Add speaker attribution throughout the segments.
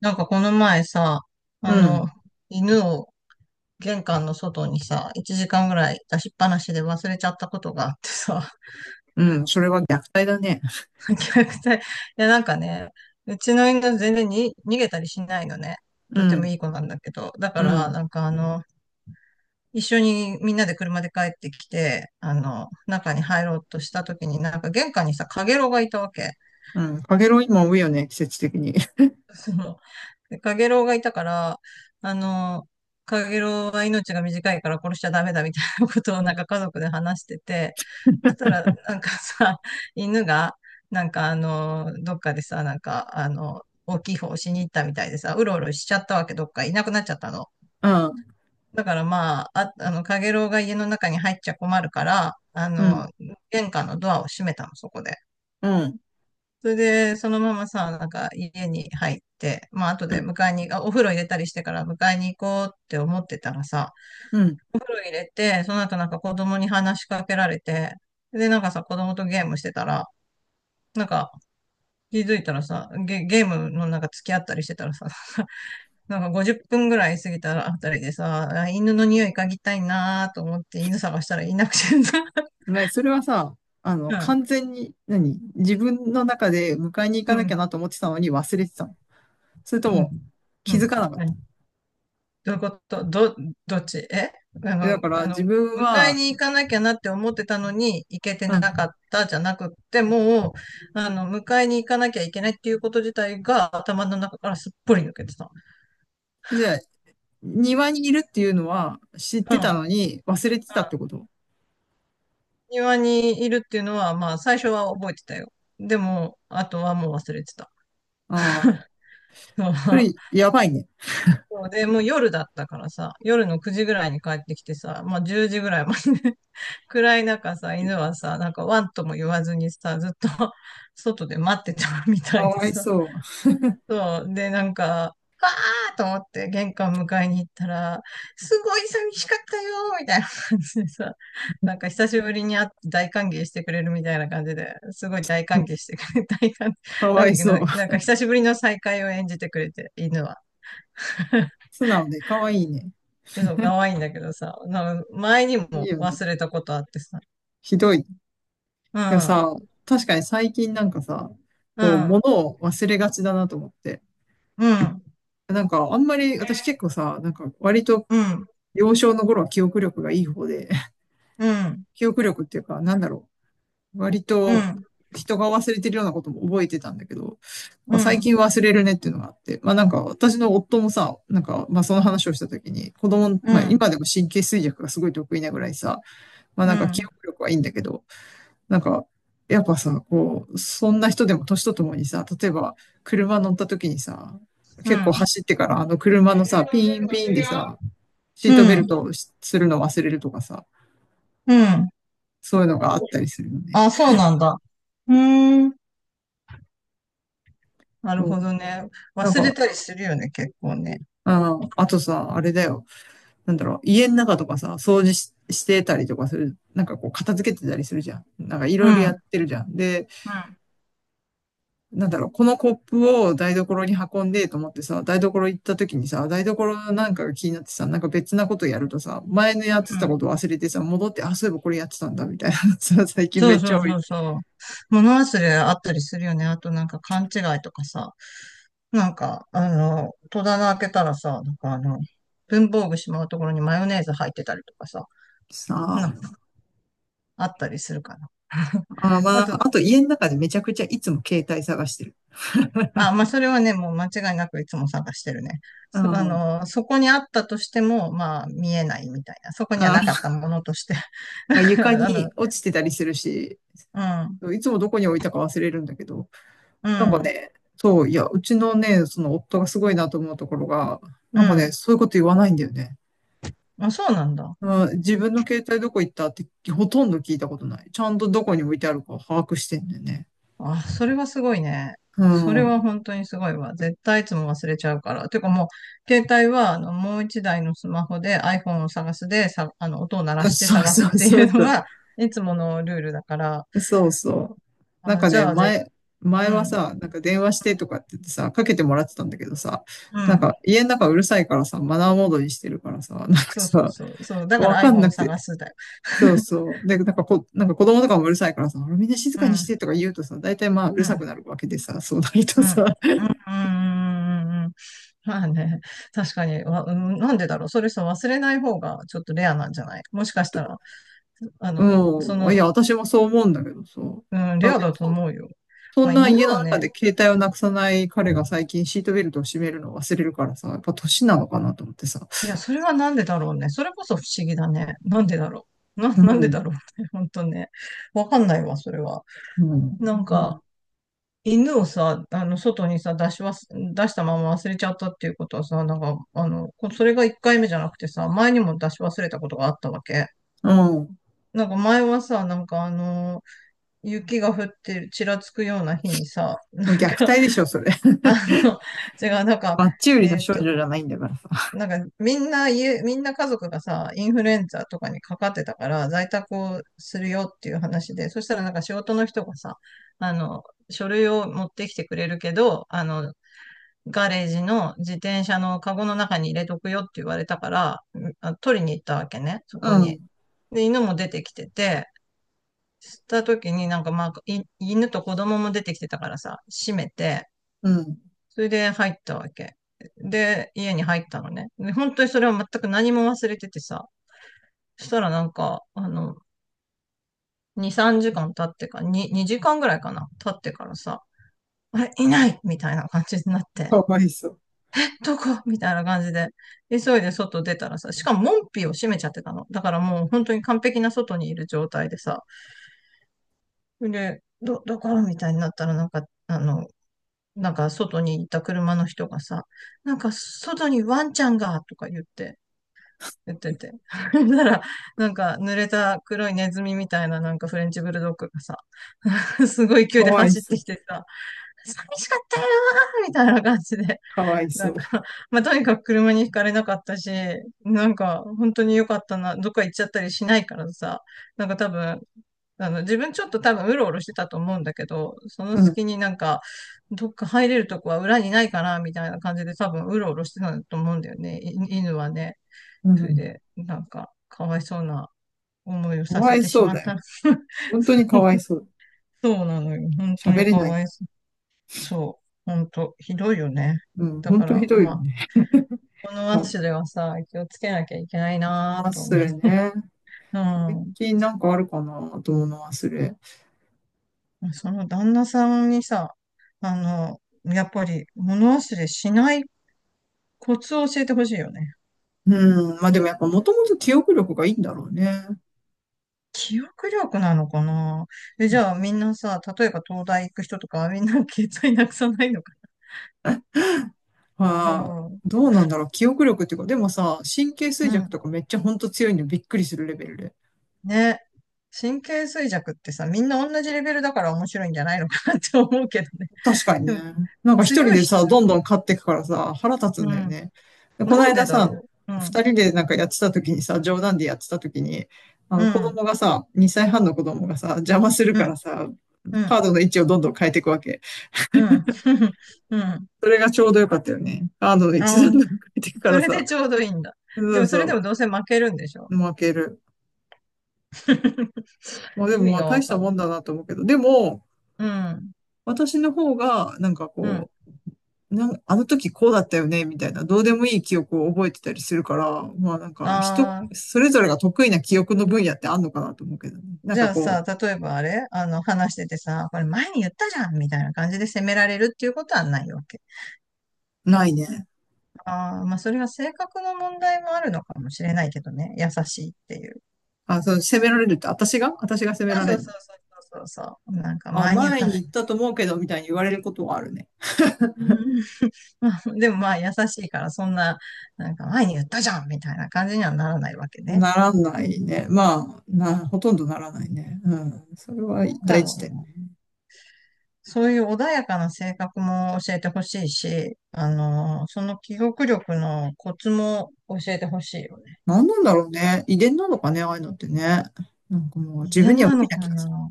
Speaker 1: なんかこの前さ、
Speaker 2: う
Speaker 1: あ
Speaker 2: ん、
Speaker 1: の、犬を玄関の外にさ、1時間ぐらい出しっぱなしで忘れちゃったことがあってさ、
Speaker 2: うん、それは虐待だね。
Speaker 1: 虐待。いや、なんかね、うちの犬全然に逃げたりしないのね。
Speaker 2: う
Speaker 1: とてもいい
Speaker 2: ん、
Speaker 1: 子なんだけど。だか
Speaker 2: う
Speaker 1: ら、
Speaker 2: ん、
Speaker 1: なんか一緒にみんなで車で帰ってきて、中に入ろうとした時になんか玄関にさ、かげろうがいたわけ。
Speaker 2: うん。かげろう今多いよね、季節的に。
Speaker 1: その、でカゲロウがいたから、あの、カゲロウは命が短いから殺しちゃダメだみたいなことをなんか家族で話してて、そしたらなんかさ、犬が、なんかどっかでさ、なんか大きい方をしに行ったみたいでさ、うろうろしちゃったわけ、どっかいなくなっちゃったの。
Speaker 2: うん、
Speaker 1: だからまあ、カゲロウが家の中に入っちゃ困るから、
Speaker 2: うん、
Speaker 1: 玄関のドアを閉めたの、そこで。
Speaker 2: うん、
Speaker 1: それで、そのままさ、なんか家に入って、まあ後
Speaker 2: う
Speaker 1: で
Speaker 2: ん、
Speaker 1: 迎えに、お風呂入れたりしてから迎えに行こうって思ってたらさ、
Speaker 2: うん。
Speaker 1: お風呂入れて、その後なんか子供に話しかけられて、で、なんかさ、子供とゲームしてたら、なんか気づいたらさ、ゲームのなんか付き合ったりしてたらさ、なんか50分ぐらい過ぎたらあたりでさ、犬の匂い嗅ぎたいなーと思って犬探したらいなくてさ、
Speaker 2: ね、それはさ、
Speaker 1: うん、
Speaker 2: 完全に、何自分の中で迎えに行か
Speaker 1: う
Speaker 2: なきゃ
Speaker 1: ん、
Speaker 2: なと思ってたのに忘れてたの。それと
Speaker 1: う
Speaker 2: も
Speaker 1: ん、う
Speaker 2: 気
Speaker 1: ん、
Speaker 2: づかなかっ
Speaker 1: は
Speaker 2: た。
Speaker 1: い。どういうことど、どっちえあ
Speaker 2: えだ
Speaker 1: の、
Speaker 2: から
Speaker 1: あの、
Speaker 2: 自分
Speaker 1: 迎え
Speaker 2: は、
Speaker 1: に行かなきゃなって思ってたのに、行けて
Speaker 2: う
Speaker 1: な
Speaker 2: ん。
Speaker 1: かったじゃなくって、もう、迎えに行かなきゃいけないっていうこと自体が頭の中からすっぽり抜けてた。
Speaker 2: じゃあ、庭にいるっていうのは知っ
Speaker 1: う
Speaker 2: て
Speaker 1: ん。う
Speaker 2: た
Speaker 1: ん。
Speaker 2: のに忘れてたってこと。
Speaker 1: 庭にいるっていうのは、まあ、最初は覚えてたよ。でも、あとはもう忘れてた。
Speaker 2: ああー、それ やばいね。
Speaker 1: そうで、もう夜だったからさ、夜の9時ぐらいに帰ってきてさ、まあ10時ぐらいまで暗い中さ、犬はさ、なんかワンとも言わずにさ、ずっと 外で待ってたみたい
Speaker 2: か
Speaker 1: で
Speaker 2: わい
Speaker 1: さ。
Speaker 2: そう。
Speaker 1: そう。で、なんか、わーと思って玄関迎えに行ったら、すごい寂しかったよーみたいな感じでさ、なんか久しぶりに会って大歓迎してくれるみたいな感じで、すごい大歓迎してくれ、
Speaker 2: か
Speaker 1: 歓
Speaker 2: わい
Speaker 1: 迎の、
Speaker 2: そう。
Speaker 1: なんか久しぶりの再会を演じてくれて、犬は。
Speaker 2: 素直でかわいいね。
Speaker 1: でそう、可愛いんだけどさ、なんか前にも
Speaker 2: いいよね。
Speaker 1: 忘れたことあってさ、
Speaker 2: ひどい。
Speaker 1: う
Speaker 2: でも
Speaker 1: ん、
Speaker 2: さ、確かに最近なんかさ、
Speaker 1: う
Speaker 2: こう、物
Speaker 1: ん、
Speaker 2: を忘れがちだなと思って。
Speaker 1: うん、
Speaker 2: なんか、あんまり、私結構さ、なんか、割と、
Speaker 1: うん。
Speaker 2: 幼少の頃は記憶力がいい方で、
Speaker 1: うん、
Speaker 2: 記憶力っていうか、なんだろう。割
Speaker 1: う
Speaker 2: と、
Speaker 1: ん、
Speaker 2: 人が忘れてるようなことも覚えてたんだけど、
Speaker 1: う
Speaker 2: まあ、最
Speaker 1: ん、
Speaker 2: 近忘れるねっていうのがあって、まあなんか、私の夫もさ、なんか、まあその話をした時に、子供、
Speaker 1: うん、う
Speaker 2: まあ
Speaker 1: ん、
Speaker 2: 今でも神経衰弱がすごい得意なぐらいさ、まあ
Speaker 1: う
Speaker 2: なんか
Speaker 1: ん、
Speaker 2: 記憶力はいいんだけど、なんか、やっぱさ、こう、そんな人でも年とともにさ、例えば車乗った時にさ、結構走ってからあの車のさ、ピンピンでさ、シ
Speaker 1: う
Speaker 2: ートベ
Speaker 1: ん、
Speaker 2: ルトをしするの忘れるとかさ、
Speaker 1: うん。
Speaker 2: そういうのがあったりするよね。
Speaker 1: あ、そうなんだ。うーん。なる
Speaker 2: そう、
Speaker 1: ほどね。
Speaker 2: なん
Speaker 1: 忘れ
Speaker 2: か、
Speaker 1: たりするよね、結構ね。
Speaker 2: あ、あとさ、あれだよ。なんだろう、家の中とかさ、掃除し、してたりとかする。なんかこう、片付けてたりするじゃん。なんかい
Speaker 1: うん、
Speaker 2: ろい
Speaker 1: う
Speaker 2: ろや
Speaker 1: ん、
Speaker 2: ってるじゃん。で、なんだろう、このコップを台所に運んでと思ってさ、台所行った時にさ、台所なんかが気になってさ、なんか別なことやるとさ、前のやって
Speaker 1: う
Speaker 2: た
Speaker 1: ん。
Speaker 2: こと忘れてさ、戻って、あ、そういえばこれやってたんだ、みたいなさ、最近
Speaker 1: そ
Speaker 2: め
Speaker 1: う
Speaker 2: っち
Speaker 1: そ
Speaker 2: ゃ
Speaker 1: う
Speaker 2: 多い。
Speaker 1: そうそう。物忘れあったりするよね。あとなんか勘違いとかさ。なんか、戸棚開けたらさ、なんか文房具しまうところにマヨネーズ入ってたりとかさ、
Speaker 2: さ
Speaker 1: なんか
Speaker 2: あ、
Speaker 1: あったりするかな。
Speaker 2: あー、まあな
Speaker 1: あ
Speaker 2: んか、
Speaker 1: と
Speaker 2: あと家の中でめちゃくちゃいつも携帯探してる。
Speaker 1: まあ、それはね、もう間違いなくいつも探してるね。
Speaker 2: あー
Speaker 1: そこにあったとしても、まあ、見えないみたいな。そこには
Speaker 2: あ
Speaker 1: なかった
Speaker 2: ー、
Speaker 1: ものとして。な
Speaker 2: まあ
Speaker 1: ん
Speaker 2: 床
Speaker 1: か
Speaker 2: に落ちてたりするし、
Speaker 1: うん、
Speaker 2: いつもどこに置いたか忘れるんだけど、
Speaker 1: う
Speaker 2: なんか
Speaker 1: ん、
Speaker 2: ね、そう、いや、うちのね、その夫がすごいなと思うところが、な
Speaker 1: う
Speaker 2: んかね、
Speaker 1: ん。
Speaker 2: そういうこと言わないんだよね。
Speaker 1: あ、そうなんだ。
Speaker 2: うん、自分の携帯どこ行ったってほとんど聞いたことない。ちゃんとどこに置いてあるか把握してんだよね。
Speaker 1: あ、それはすごいね。
Speaker 2: う
Speaker 1: それは
Speaker 2: ん。
Speaker 1: 本当にすごいわ。絶対いつも忘れちゃうから。てかもう、携帯は、もう一台のスマホで iPhone を探すで、さ、音を鳴ら
Speaker 2: あ
Speaker 1: して
Speaker 2: そう
Speaker 1: 探す
Speaker 2: そ
Speaker 1: っ
Speaker 2: う
Speaker 1: て
Speaker 2: そ
Speaker 1: い
Speaker 2: う
Speaker 1: うの
Speaker 2: そう。
Speaker 1: が、いつものルールだから。
Speaker 2: そうそう。なん
Speaker 1: あ、
Speaker 2: か
Speaker 1: じ
Speaker 2: ね、
Speaker 1: ゃあ、
Speaker 2: 前、前
Speaker 1: う
Speaker 2: は
Speaker 1: ん、
Speaker 2: さ、なんか電話してとかって言ってさ、かけてもらってたんだけどさ、
Speaker 1: う
Speaker 2: なん
Speaker 1: ん。
Speaker 2: か家の中うるさいからさ、マナーモードにしてるからさ、なんか
Speaker 1: そうそう
Speaker 2: さ、
Speaker 1: そう。そう。だか
Speaker 2: わ
Speaker 1: ら
Speaker 2: かん
Speaker 1: iPhone
Speaker 2: な
Speaker 1: を
Speaker 2: くて。
Speaker 1: 探すだよ。
Speaker 2: そう そう。で、なんかこ、なんか子供とかもうるさいからさ、みんな静
Speaker 1: う
Speaker 2: かにし
Speaker 1: ん。
Speaker 2: てとか言うとさ、大体まあう
Speaker 1: う
Speaker 2: るさく
Speaker 1: ん。
Speaker 2: なるわけでさ、そうなると
Speaker 1: う
Speaker 2: さ、
Speaker 1: ん。うん。うん。まあね。確かに。うん、なんでだろう。それさ忘れない方がちょっとレアなんじゃないもしかしたら、あの、そ
Speaker 2: うん。い
Speaker 1: の、
Speaker 2: や、私もそう思うんだけどさ。
Speaker 1: うん、
Speaker 2: ま
Speaker 1: レ
Speaker 2: あ、
Speaker 1: ア
Speaker 2: でも
Speaker 1: だと
Speaker 2: そ、
Speaker 1: 思うよ。
Speaker 2: そ
Speaker 1: ま
Speaker 2: ん
Speaker 1: あ
Speaker 2: な
Speaker 1: 犬
Speaker 2: 家の
Speaker 1: は
Speaker 2: 中
Speaker 1: ね、
Speaker 2: で携帯をなくさない彼が最近シートベルトを締めるのを忘れるからさ、やっぱ年なのかなと思ってさ。
Speaker 1: いや、それはなんでだろうね。それこそ不思議だね。なんでだろう。
Speaker 2: う
Speaker 1: なんでだ
Speaker 2: ん。
Speaker 1: ろうね。本当ね。わかんないわ、それは。
Speaker 2: うん。
Speaker 1: なんか、犬をさ、外にさ、出したまま忘れちゃったっていうことはさ、なんか、それが一回目じゃなくてさ、前にも出し忘れたことがあったわけ。
Speaker 2: うん。う
Speaker 1: なんか前はさ、なんか雪が降ってる、ちらつくような日にさ、
Speaker 2: ん、
Speaker 1: なん
Speaker 2: 虐
Speaker 1: か、
Speaker 2: 待でしょ、それ。
Speaker 1: あの、違う、なんか、
Speaker 2: マッチ売りの
Speaker 1: えーっ
Speaker 2: 少
Speaker 1: と、
Speaker 2: 女じゃないんだからさ。
Speaker 1: なんかみんな家族がさ、インフルエンザとかにかかってたから、在宅をするよっていう話で、そしたらなんか仕事の人がさ、あの、書類を持ってきてくれるけど、ガレージの自転車のカゴの中に入れとくよって言われたから、取りに行ったわけね、そこ
Speaker 2: う
Speaker 1: に。
Speaker 2: ん。
Speaker 1: で、犬も出てきてて、した時になんかまあ、犬と子供も出てきてたからさ、閉めて、
Speaker 2: うん。
Speaker 1: それで入ったわけ。で、家に入ったのね。で、本当にそれは全く何も忘れててさ、そしたらなんか、2、3時間経ってか、に2時間ぐらいかな、経ってからさ、あれ、いないみたいな感じになって。
Speaker 2: かわいそう。
Speaker 1: どこみたいな感じで、急いで外出たらさ、しかも門扉を閉めちゃってたの。だからもう本当に完璧な外にいる状態でさ、で、どこみたいになったらなんか、なんか外にいた車の人がさ、なんか外にワンちゃんがとか言って、てなら、なんか濡れた黒いネズミみたいななんかフレンチブルドッグがさ、すごい勢
Speaker 2: か
Speaker 1: いで
Speaker 2: わい
Speaker 1: 走っ
Speaker 2: そ
Speaker 1: て
Speaker 2: う。
Speaker 1: きてさ、寂しかったよーみたいな感じで
Speaker 2: かわい
Speaker 1: な
Speaker 2: そ
Speaker 1: んか、
Speaker 2: う。
Speaker 1: まあ、とにかく車にひかれなかったし、なんか、本当に良かったな、どっか行っちゃったりしないからさ、なんか多分、自分ちょっと多分うろうろしてたと思うんだけど、その
Speaker 2: うん。
Speaker 1: 隙になんか、どっか入れるとこは裏にないかな、みたいな感じで多分うろうろしてたと思うんだよね、犬はね。
Speaker 2: う
Speaker 1: それ
Speaker 2: ん。
Speaker 1: で、なんか、かわいそうな思いを
Speaker 2: か
Speaker 1: さ
Speaker 2: わ
Speaker 1: せ
Speaker 2: い
Speaker 1: てし
Speaker 2: そう
Speaker 1: まっ
Speaker 2: だ
Speaker 1: た。
Speaker 2: よ。本当にかわいそう。
Speaker 1: そうなのよ。本当
Speaker 2: 喋
Speaker 1: に
Speaker 2: れ
Speaker 1: か
Speaker 2: ない。
Speaker 1: わいそう。そう。本当、ひどいよね。
Speaker 2: うん。
Speaker 1: だ
Speaker 2: 本
Speaker 1: か
Speaker 2: 当ひ
Speaker 1: ら、
Speaker 2: どい
Speaker 1: ま
Speaker 2: よ
Speaker 1: あ、
Speaker 2: ね。
Speaker 1: こ
Speaker 2: う
Speaker 1: のれ
Speaker 2: ん。
Speaker 1: ではさ、気をつけなきゃいけないな
Speaker 2: まあ、
Speaker 1: ぁと思う。
Speaker 2: それね。最近なんかあるかなと思うの忘れ。
Speaker 1: うん。その旦那さんにさ、あの、やっぱり物忘れしないコツを教えてほしいよね。
Speaker 2: うん。まあでもやっぱもともと記憶力がいいんだろうね。
Speaker 1: 記憶力なのかな？じゃあみんなさ、例えば東大行く人とか、みんな携帯なくさないのかな？
Speaker 2: はあ、
Speaker 1: うん。
Speaker 2: どうなんだろう。記憶力っていうか、でもさ、神経
Speaker 1: う
Speaker 2: 衰弱と
Speaker 1: ん。
Speaker 2: かめっちゃほんと強いのびっくりするレベルで。
Speaker 1: ね。神経衰弱ってさ、みんな同じレベルだから面白いんじゃないのかなって思うけどね。
Speaker 2: 確かに
Speaker 1: で
Speaker 2: ね。
Speaker 1: も、
Speaker 2: なんか一人
Speaker 1: 強い
Speaker 2: でさ、
Speaker 1: 人
Speaker 2: ど
Speaker 1: い
Speaker 2: んど
Speaker 1: る、
Speaker 2: ん買っていくからさ、腹立つん
Speaker 1: う
Speaker 2: だよ
Speaker 1: ん。
Speaker 2: ね。でこの
Speaker 1: なん
Speaker 2: 間
Speaker 1: でだろ
Speaker 2: さ、
Speaker 1: う。うん。
Speaker 2: 二人でなんかやってた時にさ、冗談でやってた時に、あ
Speaker 1: う
Speaker 2: の子
Speaker 1: ん。
Speaker 2: 供がさ、2歳半の子供がさ、邪魔する
Speaker 1: う
Speaker 2: か
Speaker 1: ん。
Speaker 2: らさ、
Speaker 1: う
Speaker 2: カ
Speaker 1: ん。
Speaker 2: ードの位置をどんどん変えていくわけ。
Speaker 1: うん。うん。
Speaker 2: それがちょうどよかったよね。カードの一
Speaker 1: ああ、
Speaker 2: 段でも変ていくか
Speaker 1: そ
Speaker 2: ら
Speaker 1: れで
Speaker 2: さ。
Speaker 1: ちょうどいいんだ。
Speaker 2: そ
Speaker 1: で
Speaker 2: う
Speaker 1: もそれで
Speaker 2: そ
Speaker 1: もどうせ負けるんでしょ？
Speaker 2: う、負ける。まあ で
Speaker 1: 意
Speaker 2: も
Speaker 1: 味
Speaker 2: まあ
Speaker 1: が
Speaker 2: 大
Speaker 1: わ
Speaker 2: した
Speaker 1: かん
Speaker 2: も
Speaker 1: な
Speaker 2: ん
Speaker 1: い。
Speaker 2: だなと思うけど、でも、
Speaker 1: うん。
Speaker 2: 私の方が、
Speaker 1: うん。
Speaker 2: なんあの時こうだったよね、みたいな、どうでもいい記憶を覚えてたりするから、まあなんか人、
Speaker 1: ああ、
Speaker 2: それぞれが得意な記憶の分野ってあんのかなと思うけどね。なん
Speaker 1: じ
Speaker 2: か
Speaker 1: ゃあ
Speaker 2: こ
Speaker 1: さ、例えばあれあの、話しててさ、これ前に言ったじゃんみたいな感じで責められるっていうことはないわけ。
Speaker 2: う、ないね。
Speaker 1: ああ、まあそれは性格の問題もあるのかもしれないけどね。優しいっていう。
Speaker 2: あ、そう、責められるって、私が責めら
Speaker 1: そうそ
Speaker 2: れ
Speaker 1: う
Speaker 2: るの。
Speaker 1: そうそうそうそう。なんか
Speaker 2: あ、
Speaker 1: 前に言っ
Speaker 2: 前
Speaker 1: た
Speaker 2: に
Speaker 1: らい
Speaker 2: 行っ
Speaker 1: い。
Speaker 2: たと思うけど、みたいに言われることはあるね。
Speaker 1: うん。 でもまあ優しいからそんな、なんか前に言ったじゃんみたいな感じにはならないわけね。
Speaker 2: ならないね。まあ、な、ほとんどならないね。うん。それは
Speaker 1: なんだ
Speaker 2: 大
Speaker 1: ろ
Speaker 2: 事
Speaker 1: う
Speaker 2: で。
Speaker 1: な。そういう穏やかな性格も教えてほしいし、その記憶力のコツも教えてほしいよね。
Speaker 2: 何なんだろうね。遺伝なのかね、ああいうのってね。なんかもう
Speaker 1: 遺
Speaker 2: 自分に
Speaker 1: 伝
Speaker 2: は
Speaker 1: な
Speaker 2: 無理
Speaker 1: の
Speaker 2: な気
Speaker 1: か
Speaker 2: がする。
Speaker 1: な？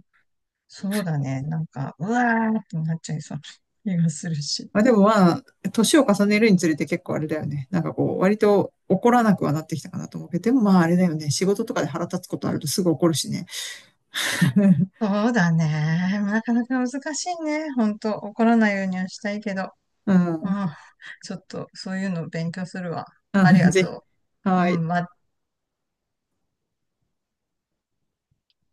Speaker 1: そうだね。なんか、うわーってなっちゃいそうな気がするし。
Speaker 2: まあでもまあ、年を重ねるにつれて結構あれだよね。なんかこう、割と怒らなくはなってきたかなと思うけど、でもまああれだよね。仕事とかで腹立つことあるとすぐ怒るしね。
Speaker 1: そうだね。なかなか難しいね。ほんと、怒らないようにはしたいけど。
Speaker 2: う
Speaker 1: う
Speaker 2: ん。
Speaker 1: ん。ちょっと、そういうの勉強するわ。
Speaker 2: う
Speaker 1: あり
Speaker 2: ん
Speaker 1: が
Speaker 2: ぜひ。
Speaker 1: とう。う
Speaker 2: はい。
Speaker 1: ん、ま